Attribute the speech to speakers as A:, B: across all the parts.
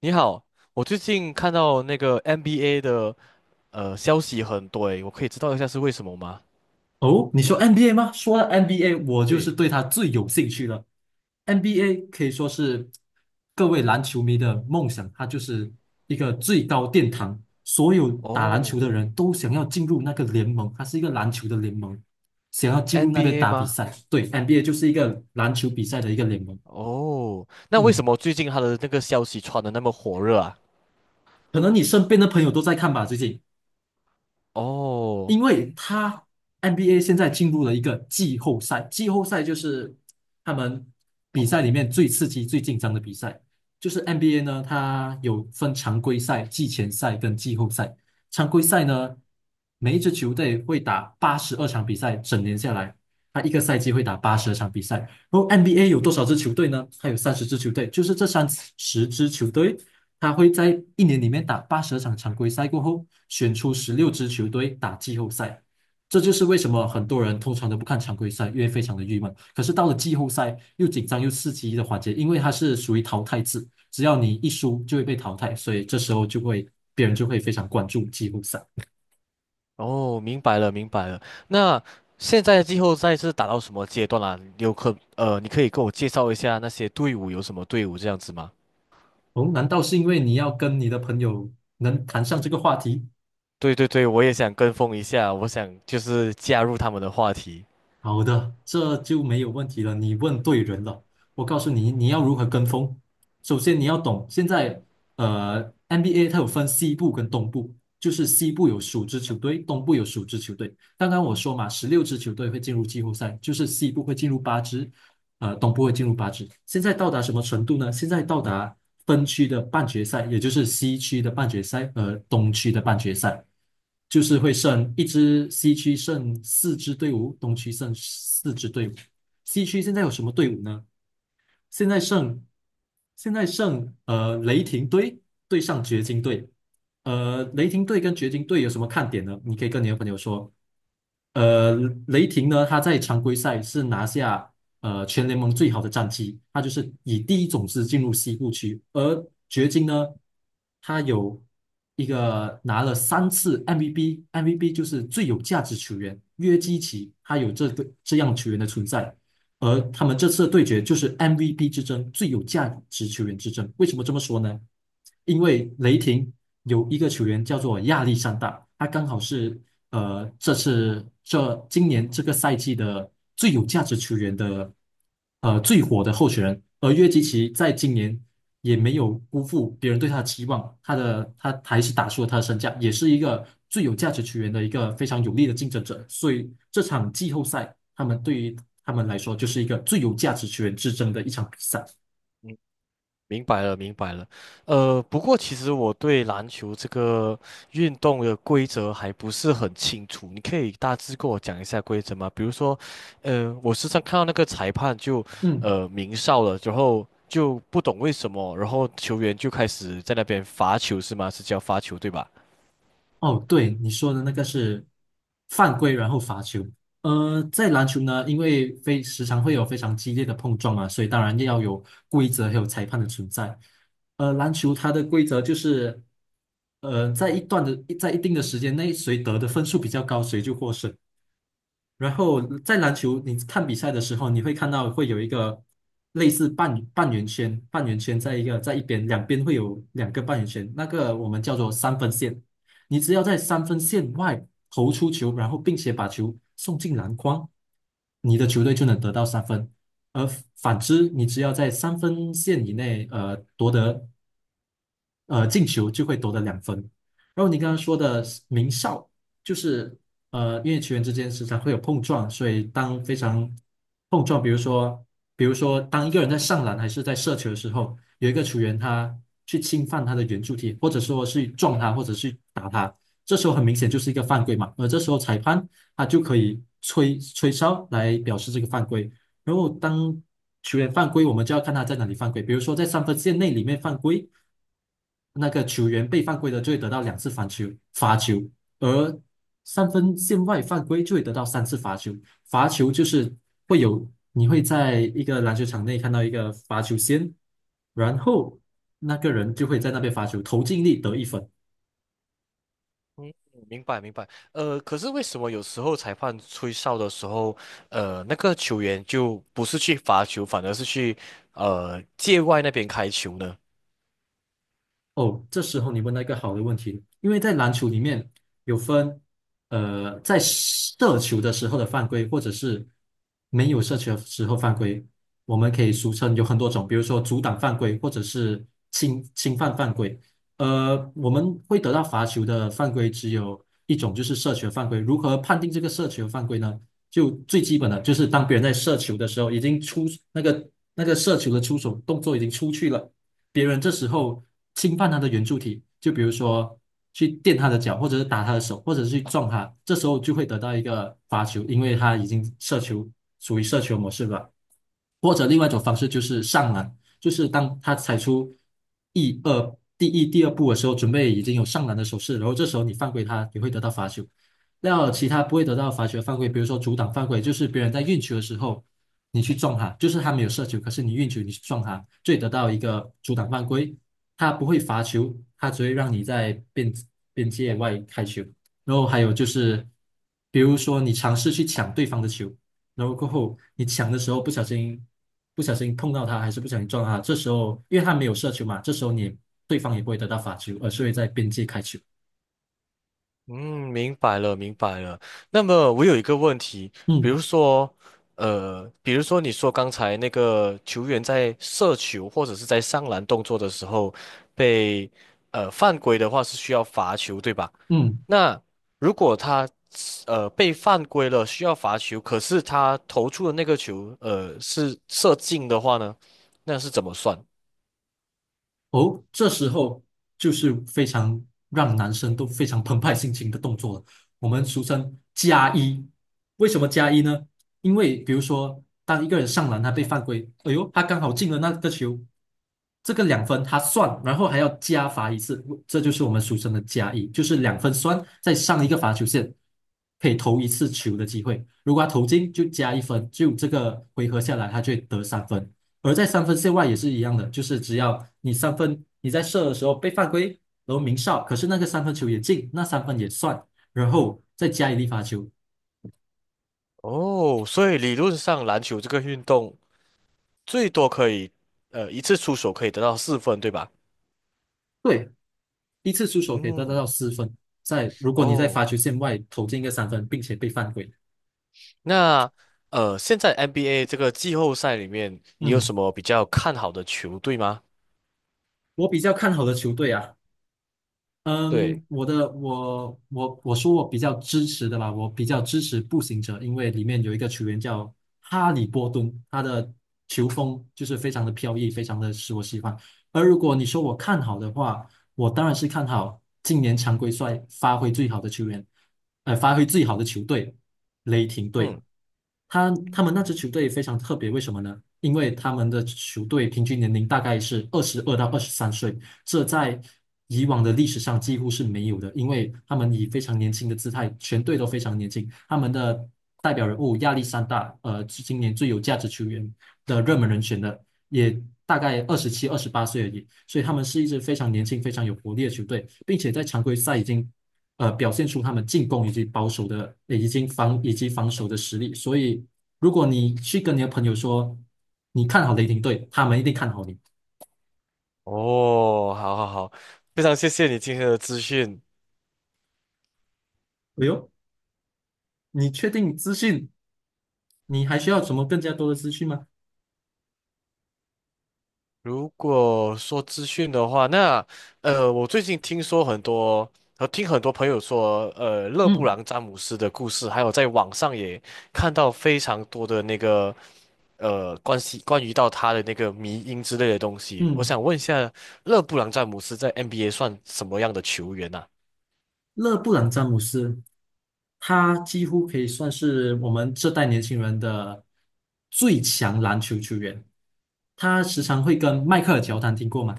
A: 你好，我最近看到那个 NBA 的消息很多诶，我可以知道一下是为什么吗？
B: 哦，你说 NBA 吗？说到 NBA，我就是
A: 对，
B: 对他最有兴趣了。NBA 可以说是各位篮球迷的梦想，它就是一个最高殿堂，所有打篮球的
A: 哦，
B: 人都想要进入那个联盟，它是一个篮球的联盟，想要进入那边
A: NBA
B: 打比
A: 吗？
B: 赛。对，NBA 就是一个篮球比赛的一个联盟。
A: 哦，那为什
B: 嗯，
A: 么最近他的那个消息传的那么火热啊？
B: 可能你身边的朋友都在看吧，最近。
A: 哦
B: 因为NBA 现在进入了一个季后赛，季后赛就是他们比赛里面最刺激、最紧张的比赛。就是 NBA 呢，它有分常规赛、季前赛跟季后赛。常规赛呢，每一支球队会打八十二场比赛，整年下来，他一个赛季会打八十二场比赛。然后 NBA 有多少支球队呢？它有三十支球队，就是这三十支球队他会在一年里面打八十场常规赛过后，选出十六支球队打季后赛。这就是为什么很多人通常都不看常规赛，因为非常的郁闷。可是到了季后赛，又紧张又刺激的环节，因为它是属于淘汰制，只要你一输就会被淘汰，所以这时候别人就会非常关注季后赛。
A: 哦，明白了明白了。那现在的季后赛是打到什么阶段啦、你可以给我介绍一下那些队伍有什么队伍这样子吗？
B: 哦，难道是因为你要跟你的朋友能谈上这个话题？
A: 对对对，我也想跟风一下，我想就是加入他们的话题。
B: 好的，这就没有问题了。你问对人了。我告诉你，你要如何跟风。首先，你要懂现在，NBA 它有分西部跟东部，就是西部有属支球队，东部有属支球队。刚刚我说嘛，十六支球队会进入季后赛，就是西部会进入八支，东部会进入八支。现在到达什么程度呢？现在到达分区的半决赛，也就是西区的半决赛和东区的半决赛，就是会剩一支西区剩四支队伍，东区剩四支队伍。西区现在有什么队伍呢？现在剩现在剩雷霆队对上掘金队，雷霆队跟掘金队有什么看点呢？你可以跟你的朋友说。呃，雷霆呢，他在常规赛是拿下全联盟最好的战绩，他就是以第一种子进入西部区。而掘金呢，他有一个拿了三次 MVP，MVP 就是最有价值球员约基奇，他有这个这样球员的存在。而他们这次的对决就是 MVP 之争，最有价值球员之争。为什么这么说呢？因为雷霆有一个球员叫做亚历山大，他刚好是呃这次这今年这个赛季的最有价值球员的最火的候选人，而约基奇在今年也没有辜负别人对他的期望，他还是打出了他的身价，也是一个最有价值球员的一个非常有力的竞争者，所以这场季后赛他们来说就是一个最有价值球员之争的一场比赛。
A: 明白了，明白了。不过其实我对篮球这个运动的规则还不是很清楚，你可以大致跟我讲一下规则吗？比如说，我时常看到那个裁判就
B: 嗯，
A: 鸣哨了，然后就不懂为什么，然后球员就开始在那边罚球是吗？是叫罚球对吧？
B: 哦，对，你说的那个是犯规，然后罚球。在篮球呢，因为非时常会有非常激烈的碰撞嘛，所以当然要有规则还有裁判的存在。篮球它的规则就是，在一段的在一定的时间内，谁得的分数比较高，谁就获胜。然后在篮球，你看比赛的时候，你会看到会有一个类似半圆圈，半圆圈在一边，两边会有两个半圆圈，那个我们叫做三分线。你只要在三分线外投出球，然后并且把球送进篮筐，你的球队就能得到三分。而反之，你只要在三分线以内，进球就会夺得两分。然后你刚刚说的名哨，就是因为球员之间时常会有碰撞，所以当非常碰撞，比如说当一个人在上篮还是在射球的时候，有一个球员他去侵犯他的圆柱体，或者说是撞他，或者是打他，这时候很明显就是一个犯规嘛。而这时候裁判他就可以吹吹哨来表示这个犯规。然后当球员犯规，我们就要看他在哪里犯规。比如说在三分线内里面犯规，那个球员被犯规的就会得到两次罚球，罚球；而三分线外犯规就会得到三次罚球。罚球就是会有，你会在一个篮球场内看到一个罚球线，然后那个人就会在那边罚球，投进力得一分。
A: 嗯，明白明白。可是为什么有时候裁判吹哨的时候，那个球员就不是去罚球，反而是去界外那边开球呢？
B: 哦，这时候你问到一个好的问题，因为在篮球里面有分，在射球的时候的犯规，或者是没有射球的时候犯规，我们可以俗称有很多种，比如说阻挡犯规，或者是侵犯犯规。我们会得到罚球的犯规只有一种，就是射球犯规。如何判定这个射球犯规呢？就最基本的，就是当别人在射球的时候，已经出那个那个射球的出手动作已经出去了。别人这时候侵犯他的圆柱体，就比如说去垫他的脚，或者是打他的手，或者是去撞他，这时候就会得到一个罚球，因为他已经射球，属于射球模式了。或者另外一种方式就是上篮，就是当他踩出第一第二步的时候，准备已经有上篮的手势，然后这时候你犯规他，也会得到罚球。那其他不会得到罚球的犯规，比如说阻挡犯规，就是别人在运球的时候你去撞他，就是他没有射球，可是你运球你去撞他，最得到一个阻挡犯规。他不会罚球，他只会让你在边界外开球。然后还有就是，比如说你尝试去抢对方的球，然后过后你抢的时候不小心碰到他，还是不小心撞他，这时候因为他没有射球嘛，这时候你对方也不会得到罚球，而是会在边界开球。
A: 嗯，明白了，明白了。那么我有一个问题，比
B: 嗯
A: 如说，比如说你说刚才那个球员在射球或者是在上篮动作的时候被犯规的话是需要罚球，对吧？
B: 嗯，
A: 那如果他被犯规了需要罚球，可是他投出的那个球是射进的话呢，那是怎么算？
B: 哦，这时候就是非常让男生都非常澎湃心情的动作了。我们俗称加一，为什么加一呢？因为比如说，当一个人上篮他被犯规，哎呦，他刚好进了那个球，这个两分他算，然后还要加罚一次，这就是我们俗称的加一，就是两分算再上一个罚球线，可以投一次球的机会。如果他投进就加一分，就这个回合下来他就会得三分。而在三分线外也是一样的，就是只要你三分你在射的时候被犯规，然后鸣哨，可是那个三分球也进，那三分也算，然后再加一粒罚球，
A: 哦，所以理论上篮球这个运动。最多可以一次出手可以得到4分，对吧？
B: 对，一次出手可以得到
A: 嗯，
B: 四分。在如果你在罚
A: 哦，
B: 球线外投进一个三分，并且被犯规，
A: 那现在 NBA 这个季后赛里面，你有
B: 嗯，
A: 什么比较看好的球队吗？
B: 我比较看好的球队啊。
A: 对，
B: 嗯，我的我我我说我比较支持的吧，我比较支持步行者，因为里面有一个球员叫哈利波顿，他的球风就是非常的飘逸，非常的使我喜欢。而如果你说我看好的话，我当然是看好今年常规赛发挥最好的球员，发挥最好的球队雷霆队。
A: 嗯，
B: 他们那支
A: 哦，
B: 球队非常特别，为什么呢？因为他们的球队平均年龄大概是22到23岁。这在以往的历史上几乎是没有的，因为他们以非常年轻的姿态，全队都非常年轻，他们的代表人物亚历山大，是今年最有价值球员的热门人选的，也大概27、28岁而已，所以他们是一支非常年轻、非常有活力的球队，并且在常规赛已经。表现出他们进攻以及保守的，呃已经防以及防守的实力。所以，如果你去跟你的朋友说你看好雷霆队，他们一定看好你。
A: 哦好好好，非常谢谢你今天的资讯。
B: 哎呦，你确定资讯你还需要什么更加多的资讯吗？
A: 如果说资讯的话，那我最近听说很多，听很多朋友说，勒布
B: 嗯
A: 朗詹姆斯的故事，还有在网上也看到非常多的那个关于到他的那个迷因之类的东西。我
B: 嗯，
A: 想问一下，勒布朗詹姆斯在 NBA 算什么样的球员呢？
B: 勒布朗詹姆斯，他几乎可以算是我们这代年轻人的最强篮球球员。他时常会跟迈克尔乔丹听过吗？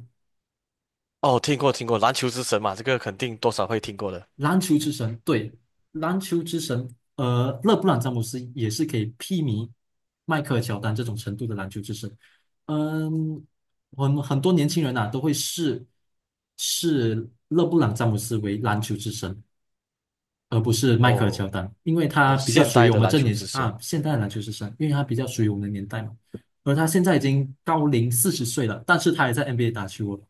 A: 哦，听过听过，篮球之神嘛，这个肯定多少会听过的。
B: 篮球之神，对，篮球之神。勒布朗詹姆斯也是可以媲美迈克尔乔丹这种程度的篮球之神。嗯，很多年轻人啊都会视勒布朗詹姆斯为篮球之神。而不是迈克尔乔
A: 哦
B: 丹，因为他
A: 哦，
B: 比较
A: 现
B: 属于
A: 代
B: 我
A: 的
B: 们
A: 篮
B: 这
A: 球
B: 年
A: 之
B: 纪啊，
A: 神。
B: 现代篮球是生，因为他比较属于我们的年代嘛。而他现在已经高龄40岁了，但是他还在 NBA 打球了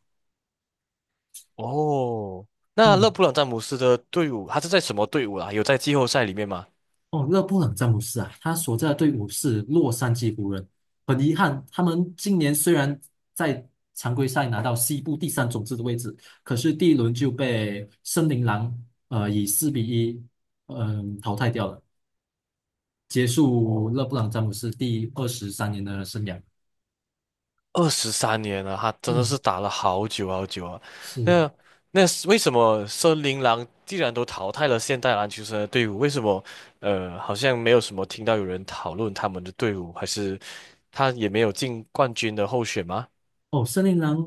A: 哦，那勒
B: 嗯，
A: 布朗詹姆斯的队伍，他是在什么队伍啊？有在季后赛里面吗？
B: 哦，勒布朗詹姆斯啊，他所在的队伍是洛杉矶湖人。很遗憾，他们今年虽然在常规赛拿到西部第三种子的位置，可是第一轮就被森林狼以4比1淘汰掉了，结束
A: 哦，
B: 勒布朗詹姆斯第23年的生涯。
A: 23年了，他真的
B: 嗯。
A: 是打了好久好久啊。
B: 是
A: 那那是为什么森林狼既然都淘汰了现代篮球生的队伍，为什么好像没有什么听到有人讨论他们的队伍，还是他也没有进冠军的候选吗？
B: 哦，森林狼，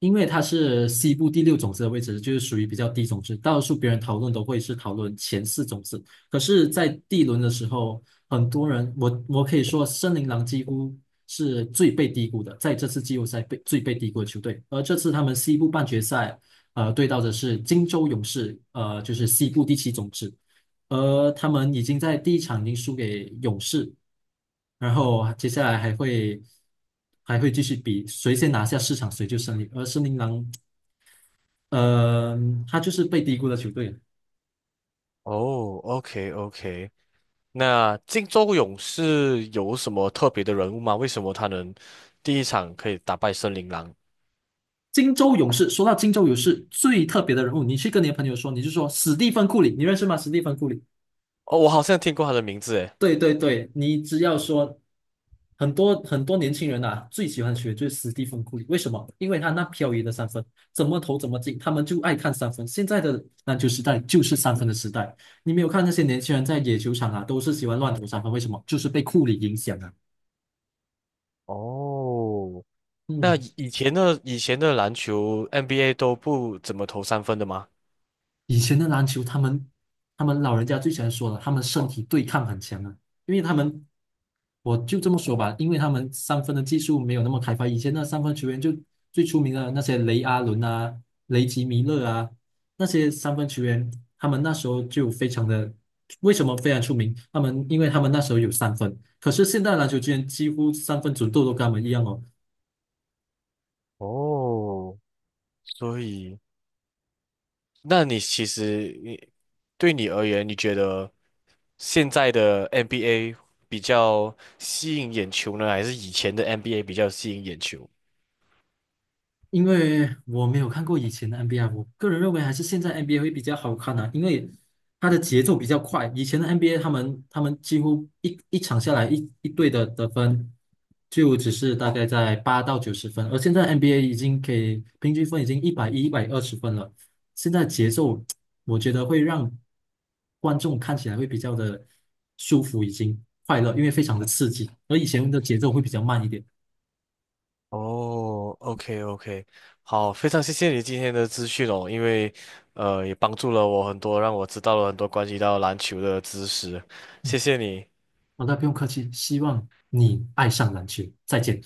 B: 因为它是西部第六种子的位置，就是属于比较低种子。大多数别人讨论都会是讨论前四种子，可是，在第一轮的时候，很多人，我可以说，森林狼几乎是最被低估的，在这次季后赛被最被低估的球队。而这次他们西部半决赛，对到的是金州勇士，就是西部第七种子，而他们已经在第一场已经输给勇士。然后接下来还会继续比谁先拿下市场，谁就胜利。而森林狼，呃，他就是被低估的球队。
A: 哦，OK OK，那金州勇士有什么特别的人物吗？为什么他能第一场可以打败森林狼？
B: 金州勇士，说到金州勇士最特别的人物，你去跟你的朋友说，你就说史蒂芬库里，你认识吗？史蒂芬库里，
A: 哦，我好像听过他的名字诶。
B: 对对对，你只要说，很多很多年轻人啊，最喜欢学就是斯蒂芬库里，为什么？因为他那飘逸的三分，怎么投怎么进，他们就爱看三分。现在的篮球时代就是三分的时代，你没有看那些年轻人在野球场啊，都是喜欢乱投三分，为什么？就是被库里影响啊。
A: 哦那
B: 嗯，
A: 以前的篮球 NBA 都不怎么投三分的吗？
B: 以前的篮球，他们老人家最喜欢说了，他们身体对抗很强啊，因为他们我就这么说吧，因为他们三分的技术没有那么开发，以前那三分球员就最出名的那些雷阿伦啊、雷吉米勒啊，那些三分球员，他们那时候就非常的，为什么非常出名？他们因为他们那时候有三分，可是现在篮球居然几乎三分准度都跟他们一样哦，
A: 哦，所以，那你其实你对你而言，你觉得现在的 NBA 比较吸引眼球呢，还是以前的 NBA 比较吸引眼球？
B: 因为我没有看过以前的 NBA，我个人认为还是现在 NBA 会比较好看啊，因为它的节奏比较快。以前的 NBA 他们几乎一场下来一队的得分就只是大概在八到90分，而现在 NBA 已经可以平均分已经110、120分了。现在节奏我觉得会让观众看起来会比较的舒服，已经快乐，因为非常的刺激，而以前的节奏会比较慢一点。
A: 哦，OK OK，好，非常谢谢你今天的资讯哦，因为也帮助了我很多，让我知道了很多关于到篮球的知识，谢谢你。
B: 好的，不用客气，希望你爱上篮球，再见。